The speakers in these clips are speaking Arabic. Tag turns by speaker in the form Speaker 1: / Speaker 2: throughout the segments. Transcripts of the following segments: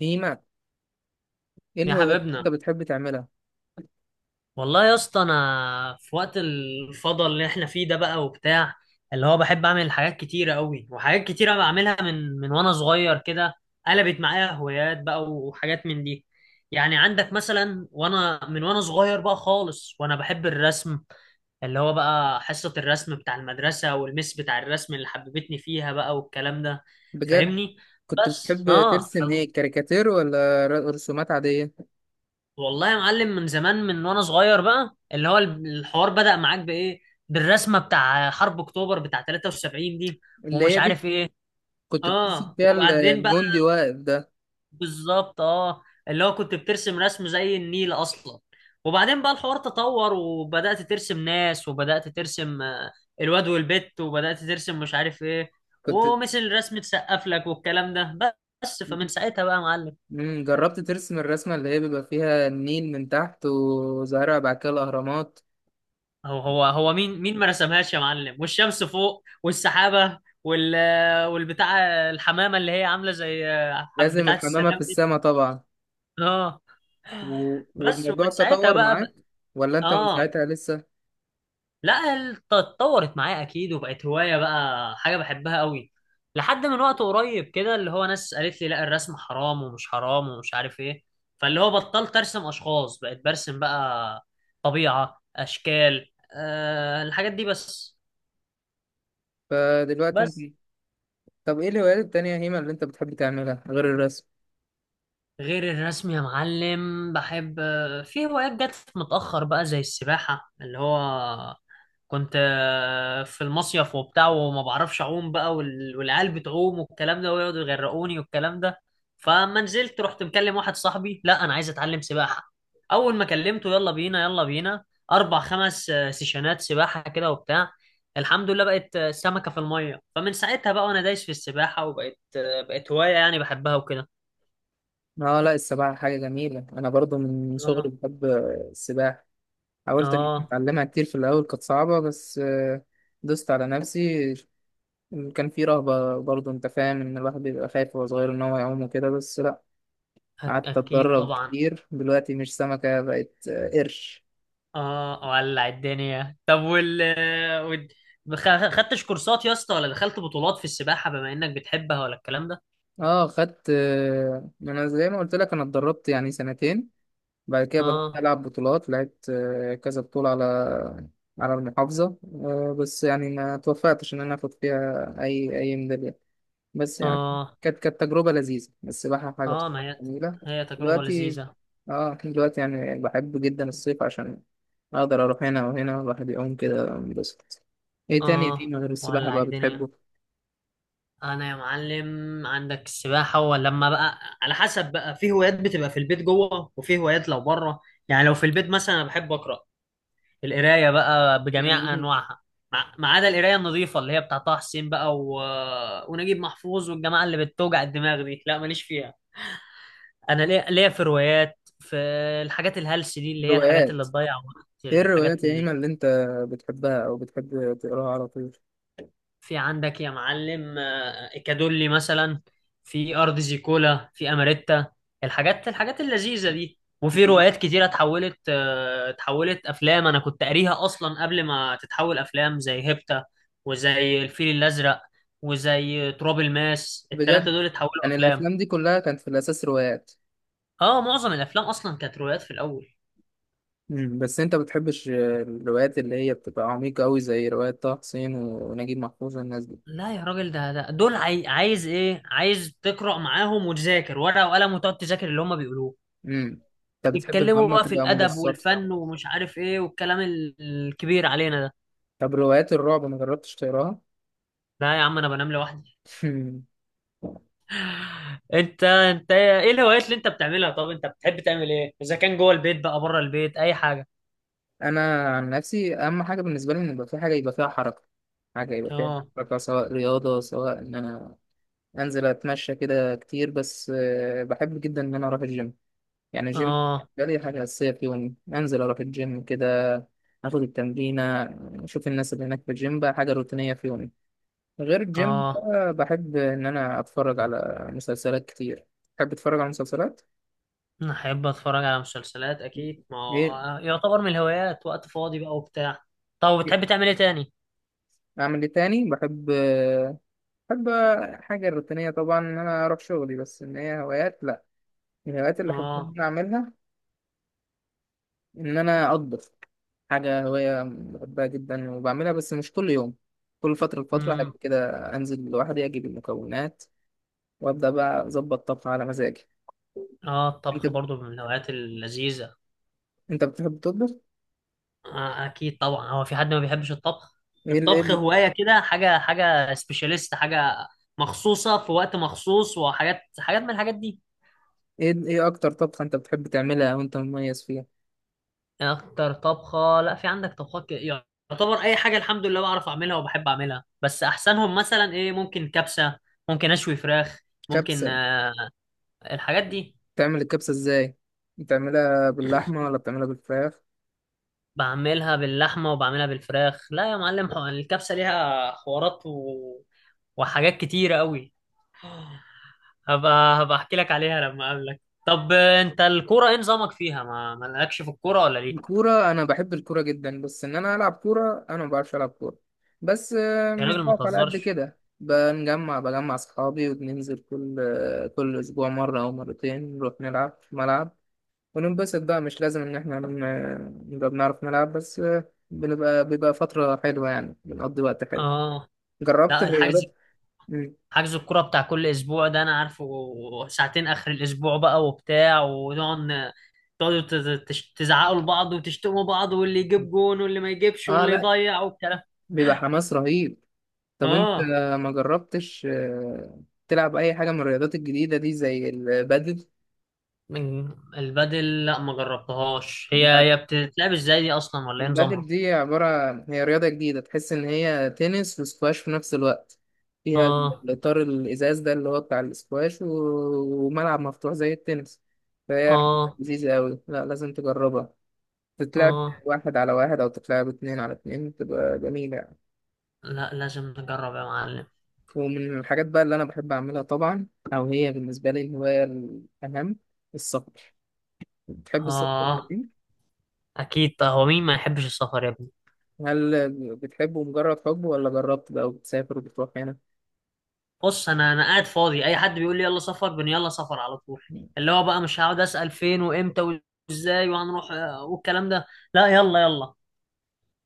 Speaker 1: نيمة، ايه
Speaker 2: يا
Speaker 1: الهوايات اللي
Speaker 2: حبيبنا.
Speaker 1: انت بتحب تعملها؟
Speaker 2: والله يا اسطى انا في وقت الفضل اللي احنا فيه ده بقى وبتاع، اللي هو بحب اعمل حاجات كتيره قوي، وحاجات كتيره بعملها من وانا صغير كده. قلبت معايا هوايات بقى وحاجات من دي. يعني عندك مثلا وانا من وانا صغير بقى خالص وانا بحب الرسم، اللي هو بقى حصه الرسم بتاع المدرسه والمس بتاع الرسم اللي حببتني فيها بقى والكلام ده.
Speaker 1: بجد.
Speaker 2: فاهمني؟
Speaker 1: كنت
Speaker 2: بس
Speaker 1: بتحب
Speaker 2: اه.
Speaker 1: ترسم ايه، كاريكاتير ولا رسومات عادية؟
Speaker 2: والله يا معلم من زمان من وانا صغير بقى اللي هو الحوار بدأ معاك بايه؟ بالرسمه بتاع حرب اكتوبر بتاع 73 دي،
Speaker 1: اللي
Speaker 2: ومش
Speaker 1: هي دي.
Speaker 2: عارف ايه.
Speaker 1: كنت بترسم
Speaker 2: اه
Speaker 1: فيها
Speaker 2: وبعدين بقى.
Speaker 1: الجندي واقف ده؟
Speaker 2: بالظبط اه. اللي هو كنت بترسم رسم زي النيل اصلا. وبعدين بقى الحوار تطور، وبدأت ترسم ناس، وبدأت ترسم الواد والبت، وبدأت ترسم مش عارف ايه.
Speaker 1: كنت.
Speaker 2: ومثل رسمة سقف لك والكلام ده. بس فمن ساعتها بقى يا معلم.
Speaker 1: جربت ترسم الرسمة اللي هي بيبقى فيها النيل من تحت، وزهرة بعد كده الأهرامات؟
Speaker 2: هو مين ما رسمهاش يا معلم، والشمس فوق والسحابة والبتاع، الحمامة اللي هي عاملة زي
Speaker 1: لازم
Speaker 2: بتاعة
Speaker 1: الحمامة في
Speaker 2: السلام دي.
Speaker 1: السماء طبعا.
Speaker 2: اه. بس
Speaker 1: والموضوع
Speaker 2: ومن ساعتها
Speaker 1: تطور
Speaker 2: بقى.
Speaker 1: معاك؟ ولا انت من
Speaker 2: اه
Speaker 1: ساعتها لسه؟
Speaker 2: لا، اتطورت معايا اكيد، وبقت هواية بقى، حاجة بحبها قوي لحد من وقت قريب كده. اللي هو ناس قالت لي لا الرسم حرام ومش حرام ومش عارف ايه. فاللي هو بطلت ارسم اشخاص، بقيت برسم بقى طبيعة اشكال الحاجات دي بس.
Speaker 1: فدلوقتي انت،
Speaker 2: بس.
Speaker 1: طب ايه الهوايات التانية يا هيما اللي انت بتحب تعملها غير الرسم؟
Speaker 2: غير الرسم يا معلم بحب. في هوايات جت متأخر بقى زي السباحة، اللي هو كنت في المصيف وبتاع، وما بعرفش أعوم بقى، والعيال بتعوم والكلام ده ويقعدوا يغرقوني والكلام ده. فما نزلت رحت مكلم واحد صاحبي: لا أنا عايز أتعلم سباحة. أول ما كلمته: يلا بينا، يلا بينا. أربع خمس سيشنات سباحة كده وبتاع. الحمد لله بقت سمكة في المية. فمن ساعتها بقى وأنا دايس في السباحة، وبقت آه، بقت هواية يعني بحبها
Speaker 1: اه، لا السباحة حاجة جميلة، أنا برضو من صغري
Speaker 2: وكده.
Speaker 1: بحب السباحة. حاولت
Speaker 2: اه
Speaker 1: أتعلمها كتير، في الأول كانت صعبة بس. دوست على نفسي. كان في رهبة برضو، أنت فاهم إن الواحد بيبقى خايف وهو صغير إن هو يعوم وكده، بس لا. قعدت
Speaker 2: اكيد
Speaker 1: أتدرب
Speaker 2: طبعا.
Speaker 1: كتير، دلوقتي مش سمكة، بقت قرش.
Speaker 2: اه ولع الدنيا. طب وال- خدتش كورسات يا اسطى، ولا دخلت بطولات في السباحة بما انك بتحبها، ولا الكلام ده؟
Speaker 1: اه، خدت. أنا زي ما قلت لك أنا اتدربت يعني سنتين. بعد كده بدأت
Speaker 2: اه.
Speaker 1: ألعب بطولات، لعبت كذا بطولة على المحافظة. بس يعني ما توفقتش إن أنا آخد فيها أي ميدالية، بس يعني
Speaker 2: اه.
Speaker 1: كانت تجربة لذيذة، السباحة حاجة
Speaker 2: اه ما هي
Speaker 1: جميلة.
Speaker 2: هي تجربة
Speaker 1: دلوقتي،
Speaker 2: لذيذة.
Speaker 1: اه دلوقتي يعني بحب جدا الصيف عشان أقدر أروح هنا وهنا الواحد يعوم كده بس. إيه تاني يا
Speaker 2: اه
Speaker 1: إيمان غير السباحة
Speaker 2: ولع
Speaker 1: بقى
Speaker 2: الدنيا.
Speaker 1: بتحبه؟
Speaker 2: انا يا معلم عندك السباحة، ولما بقى على حسب بقى، في هوايات بتبقى في البيت جوه، وفي هوايات لو بره. يعني لو في البيت مثلا انا بحب اقرا. القرايه بقى بجميع
Speaker 1: يعني
Speaker 2: انواعها، ما عدا القرايه النظيفه اللي هي بتاع طه حسين بقى، و ونجيب محفوظ والجماعه اللي بتوجع الدماغ دي، لا ماليش فيها. انا ليا في روايات، في الحاجات الهلس دي اللي هي الحاجات اللي
Speaker 1: روايات.
Speaker 2: تضيع وقت
Speaker 1: إيه
Speaker 2: الحاجات.
Speaker 1: الروايات يا إيمان اللي أنت بتحبها أو بتحب تقراها على طول؟
Speaker 2: في عندك يا معلم إيكادولي مثلا، في أرض زيكولا، في أماريتا، الحاجات اللذيذة دي. وفي روايات كتيرة اتحولت اتحولت أفلام، أنا كنت قاريها أصلا قبل ما تتحول أفلام، زي هيبتا وزي الفيل الأزرق وزي تراب الماس. التلاتة
Speaker 1: بجد؟
Speaker 2: دول اتحولوا
Speaker 1: يعني
Speaker 2: أفلام.
Speaker 1: الافلام دي كلها كانت في الاساس روايات؟
Speaker 2: اه معظم الأفلام أصلا كانت روايات في الأول.
Speaker 1: مم. بس انت بتحبش الروايات اللي هي بتبقى عميقة قوي زي رواية طه حسين ونجيب محفوظ والناس دي؟
Speaker 2: لا يا راجل، ده دول عايز ايه، عايز تقرأ معاهم وتذاكر ورقة وقلم وتقعد تذاكر اللي هما بيقولوه،
Speaker 1: امم انت بتحب
Speaker 2: يتكلموا
Speaker 1: المعلومة
Speaker 2: بقى في
Speaker 1: تبقى
Speaker 2: الادب
Speaker 1: مبسطة؟
Speaker 2: والفن ومش عارف ايه والكلام الكبير علينا ده.
Speaker 1: طب روايات الرعب ما جربتش تقراها؟
Speaker 2: لا يا عم انا بنام لوحدي. انت ايه الهوايات اللي انت بتعملها؟ طب انت بتحب تعمل ايه، اذا كان جوه البيت بقى بره البيت، اي حاجه؟
Speaker 1: انا عن نفسي، اهم حاجة بالنسبة لي ان يبقى في حاجة يبقى فيها حركة. حاجة يبقى فيها
Speaker 2: اه.
Speaker 1: حركة، سواء رياضة، سواء ان انا انزل اتمشى كده كتير، بس بحب جدا ان انا اروح الجيم. يعني الجيم
Speaker 2: اه.
Speaker 1: ده لي حاجة أساسية في يومي، أنزل أروح الجيم كده، آخد التمرينة، أشوف الناس اللي هناك في الجيم، بقى حاجة روتينية في يومي. غير الجيم
Speaker 2: اه
Speaker 1: بقى بحب إن أنا أتفرج على مسلسلات كتير، بحب أتفرج على مسلسلات.
Speaker 2: انا احب اتفرج على مسلسلات اكيد، ما هو
Speaker 1: إيه
Speaker 2: يعتبر من الهوايات وقت فاضي بقى وبتاع. طب
Speaker 1: إيه؟
Speaker 2: بتحب تعمل ايه تاني؟
Speaker 1: أعمل إيه تاني؟ بحب حاجة روتينية طبعا إن أنا أروح شغلي، بس إن هي هوايات، لأ. من الهوايات اللي أحب إن
Speaker 2: اه.
Speaker 1: أنا أعملها إن أنا أطبخ. حاجة هواية بحبها جدا وبعملها، بس مش كل يوم، كل فترة لفترة حاجة
Speaker 2: امم.
Speaker 1: كده. أنزل لوحدي أجيب المكونات وأبدأ بقى أظبط طبخ على مزاجي.
Speaker 2: اه
Speaker 1: أنت
Speaker 2: الطبخ برضو من الهوايات اللذيذه.
Speaker 1: أنت بتحب تطبخ؟
Speaker 2: اكيد طبعا، هو في حد ما بيحبش الطبخ؟
Speaker 1: إيه ال... إيه
Speaker 2: الطبخ
Speaker 1: ال...
Speaker 2: هواية كده، حاجة سبيشاليست، حاجة مخصوصة في وقت مخصوص، حاجات من الحاجات دي.
Speaker 1: إيه أكتر طبخة أنت بتحب تعملها وأنت مميز فيها؟
Speaker 2: اكتر طبخة، لا، في عندك طبخات يعتبر اي حاجة الحمد لله بعرف اعملها وبحب اعملها. بس احسنهم مثلا ايه، ممكن كبسة، ممكن اشوي فراخ، ممكن
Speaker 1: كبسة؟
Speaker 2: الحاجات دي.
Speaker 1: تعمل الكبسة إزاي؟ بتعملها باللحمة ولا بتعملها بالفراخ؟
Speaker 2: بعملها باللحمة وبعملها بالفراخ. لا يا معلم الكبسة ليها حوارات و وحاجات كتيرة قوي. هبقى احكي لك عليها لما اقابلك. طب انت الكوره ايه نظامك فيها، ما مالكش في الكوره ولا ليك؟
Speaker 1: الكورة، أنا بحب الكورة جدا بس إن أنا ألعب كورة، أنا ما بعرفش ألعب كورة، بس
Speaker 2: يا
Speaker 1: مش
Speaker 2: راجل ما
Speaker 1: بقف على قد
Speaker 2: تهزرش.
Speaker 1: كده، بجمع أصحابي وبننزل كل أسبوع مرة أو مرتين، نروح نلعب في ملعب وننبسط بقى. مش لازم إن إحنا نبقى بنعرف نلعب، بس بيبقى فترة حلوة يعني، بنقضي وقت حلو.
Speaker 2: اه
Speaker 1: جربت
Speaker 2: لا الحجز،
Speaker 1: الرياضات؟ مم.
Speaker 2: حجز الكوره بتاع كل اسبوع ده انا عارفه، ساعتين اخر الاسبوع بقى وبتاع. ونقعد تزعقوا لبعض وتشتموا بعض، واللي يجيب جون واللي ما يجيبش
Speaker 1: آه،
Speaker 2: واللي
Speaker 1: لأ.
Speaker 2: يضيع والكلام.
Speaker 1: بيبقى حماس رهيب. طب أنت
Speaker 2: اه
Speaker 1: ما جربتش تلعب أي حاجة من الرياضات الجديدة دي زي البادل؟
Speaker 2: من البدل، لا ما جربتهاش. هي بتتلعب ازاي دي اصلا، ولا ايه
Speaker 1: البادل
Speaker 2: نظامها؟
Speaker 1: دي عبارة، هي رياضة جديدة، تحس إن هي تنس وسكواش في نفس الوقت، فيها
Speaker 2: اه.
Speaker 1: الإطار الإزاز ده اللي هو بتاع السكواش وملعب مفتوح زي التنس. فهي حاجة
Speaker 2: اه.
Speaker 1: لذيذة أوي، لا لازم تجربها. تتلعب
Speaker 2: اه
Speaker 1: واحد على واحد أو تتلعب اتنين على اتنين، بتبقى جميلة يعني.
Speaker 2: لا لازم نجرب يا معلم.
Speaker 1: ومن الحاجات بقى اللي أنا بحب أعملها طبعا، أو هي بالنسبة لي الهواية الأهم، السفر. بتحب السفر؟
Speaker 2: اه اكيد طه، هو مين ما يحبش السفر يا ابني؟
Speaker 1: هل بتحبه مجرد حب ولا جربت بقى وبتسافر وبتروح هنا؟
Speaker 2: بص انا قاعد فاضي، اي حد بيقول لي يلا سفر يلا سفر على طول. اللي هو بقى مش هقعد اسال فين وامتى وازاي وهنروح والكلام ده. لا يلا يلا.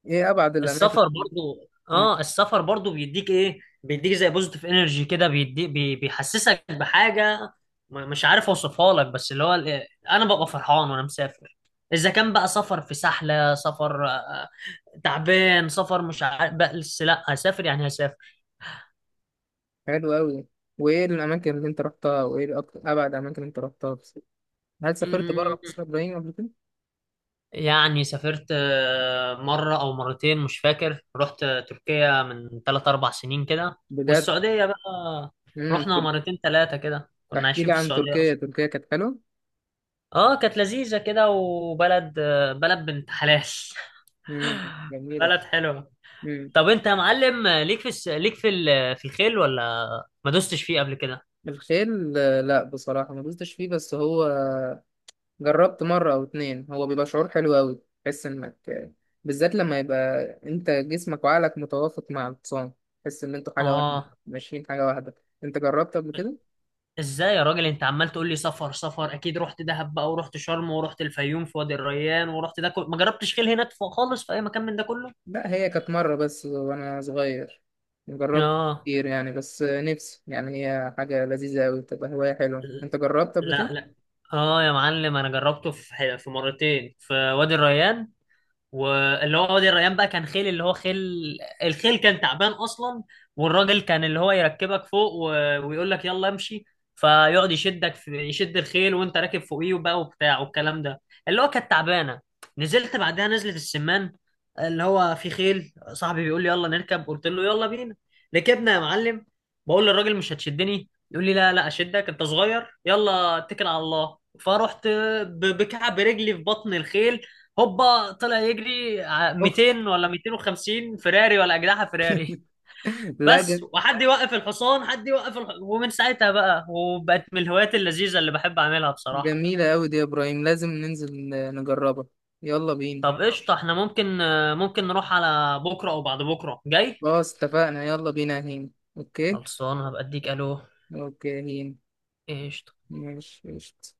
Speaker 1: ايه ابعد الاماكن؟
Speaker 2: السفر برضو،
Speaker 1: مم.
Speaker 2: اه السفر برضو بيديك ايه، بيديك زي بوزيتيف انرجي كده، بيديك بيحسسك بحاجه مش عارف اوصفها لك. بس اللي هو انا ببقى فرحان وانا مسافر، اذا كان بقى سفر في سحله، سفر تعبان، سفر مش عارف، بس لا هسافر يعني هسافر.
Speaker 1: حلو قوي. وايه الاماكن اللي انت رحتها، وايه اكتر ابعد اماكن اللي انت رحتها بس؟ هل سافرت
Speaker 2: مم،
Speaker 1: بره مصر يا ابراهيم قبل كده؟
Speaker 2: يعني سافرت مرة أو مرتين مش فاكر. رحت تركيا من 3 أو 4 سنين كده،
Speaker 1: بجد؟
Speaker 2: والسعودية بقى
Speaker 1: امم
Speaker 2: رحنا مرتين تلاتة كده، كنا
Speaker 1: احكي
Speaker 2: عايشين
Speaker 1: لي
Speaker 2: في
Speaker 1: عن
Speaker 2: السعودية
Speaker 1: تركيا،
Speaker 2: أصلا.
Speaker 1: تركيا كانت حلوه؟
Speaker 2: اه كانت لذيذة كده، وبلد بلد بنت حلال.
Speaker 1: جميله.
Speaker 2: بلد حلوة.
Speaker 1: امم.
Speaker 2: طب أنت يا معلم ليك في الس... ليك في ال... في الخيل، ولا ما دوستش فيه قبل كده؟
Speaker 1: الخيل، لا بصراحه ما دوستش فيه، بس هو جربت مره او اتنين، هو بيبقى شعور حلو قوي، تحس انك بالذات لما يبقى انت جسمك وعقلك متوافق مع الحصان، تحس ان انتوا حاجه واحده،
Speaker 2: اه
Speaker 1: ماشيين حاجه واحده. انت جربت قبل كده؟
Speaker 2: ازاي يا راجل انت عمال تقول لي سفر سفر؟ اكيد رحت دهب بقى، ورحت شرم، ورحت الفيوم في وادي الريان، ورحت ده كله. ما جربتش خيل هناك خالص في اي مكان من ده كله.
Speaker 1: لا هي كانت مرة بس وأنا صغير، جربت
Speaker 2: اه.
Speaker 1: كتير يعني، بس نفسي يعني، هي حاجة لذيذة أوي تبقى هواية حلوة. أنت جربت قبل كده؟
Speaker 2: لا لا. اه يا معلم انا جربته في مرتين في وادي الريان. واللي هو وادي الريان بقى كان خيل اللي هو خيل، الخيل كان تعبان اصلا، والراجل كان اللي هو يركبك فوق، و ويقول لك يلا امشي، فيقعد يشدك في يشد الخيل، وانت راكب فوقيه بقى وبتاع والكلام ده، اللي هو كانت تعبانه. نزلت بعدها نزلت السمان، اللي هو في خيل، صاحبي بيقول لي يلا نركب، قلت له يلا بينا. ركبنا يا معلم، بقول للراجل مش هتشدني، يقول لي لا لا اشدك انت صغير يلا اتكل على الله. فرحت بكعب رجلي في بطن الخيل، هوبا طلع يجري
Speaker 1: اوف.
Speaker 2: 200 ولا 250 فراري ولا اجنحه فراري.
Speaker 1: لا
Speaker 2: بس،
Speaker 1: ج-
Speaker 2: وحد يوقف الحصان، حد يوقف ومن ساعتها بقى، وبقت من الهوايات اللذيذه اللي بحب اعملها بصراحه.
Speaker 1: جميلة أوي دي يا إبراهيم، لازم ننزل نجربها. يلا بينا.
Speaker 2: طب قشطه، احنا ممكن نروح على بكره او بعد بكره جاي.
Speaker 1: خلاص اتفقنا، يلا بينا يا هين. أوكي.
Speaker 2: خلصان، هبقى اديك الو.
Speaker 1: أوكي يا هين.
Speaker 2: قشطه.
Speaker 1: ماشي قشطة.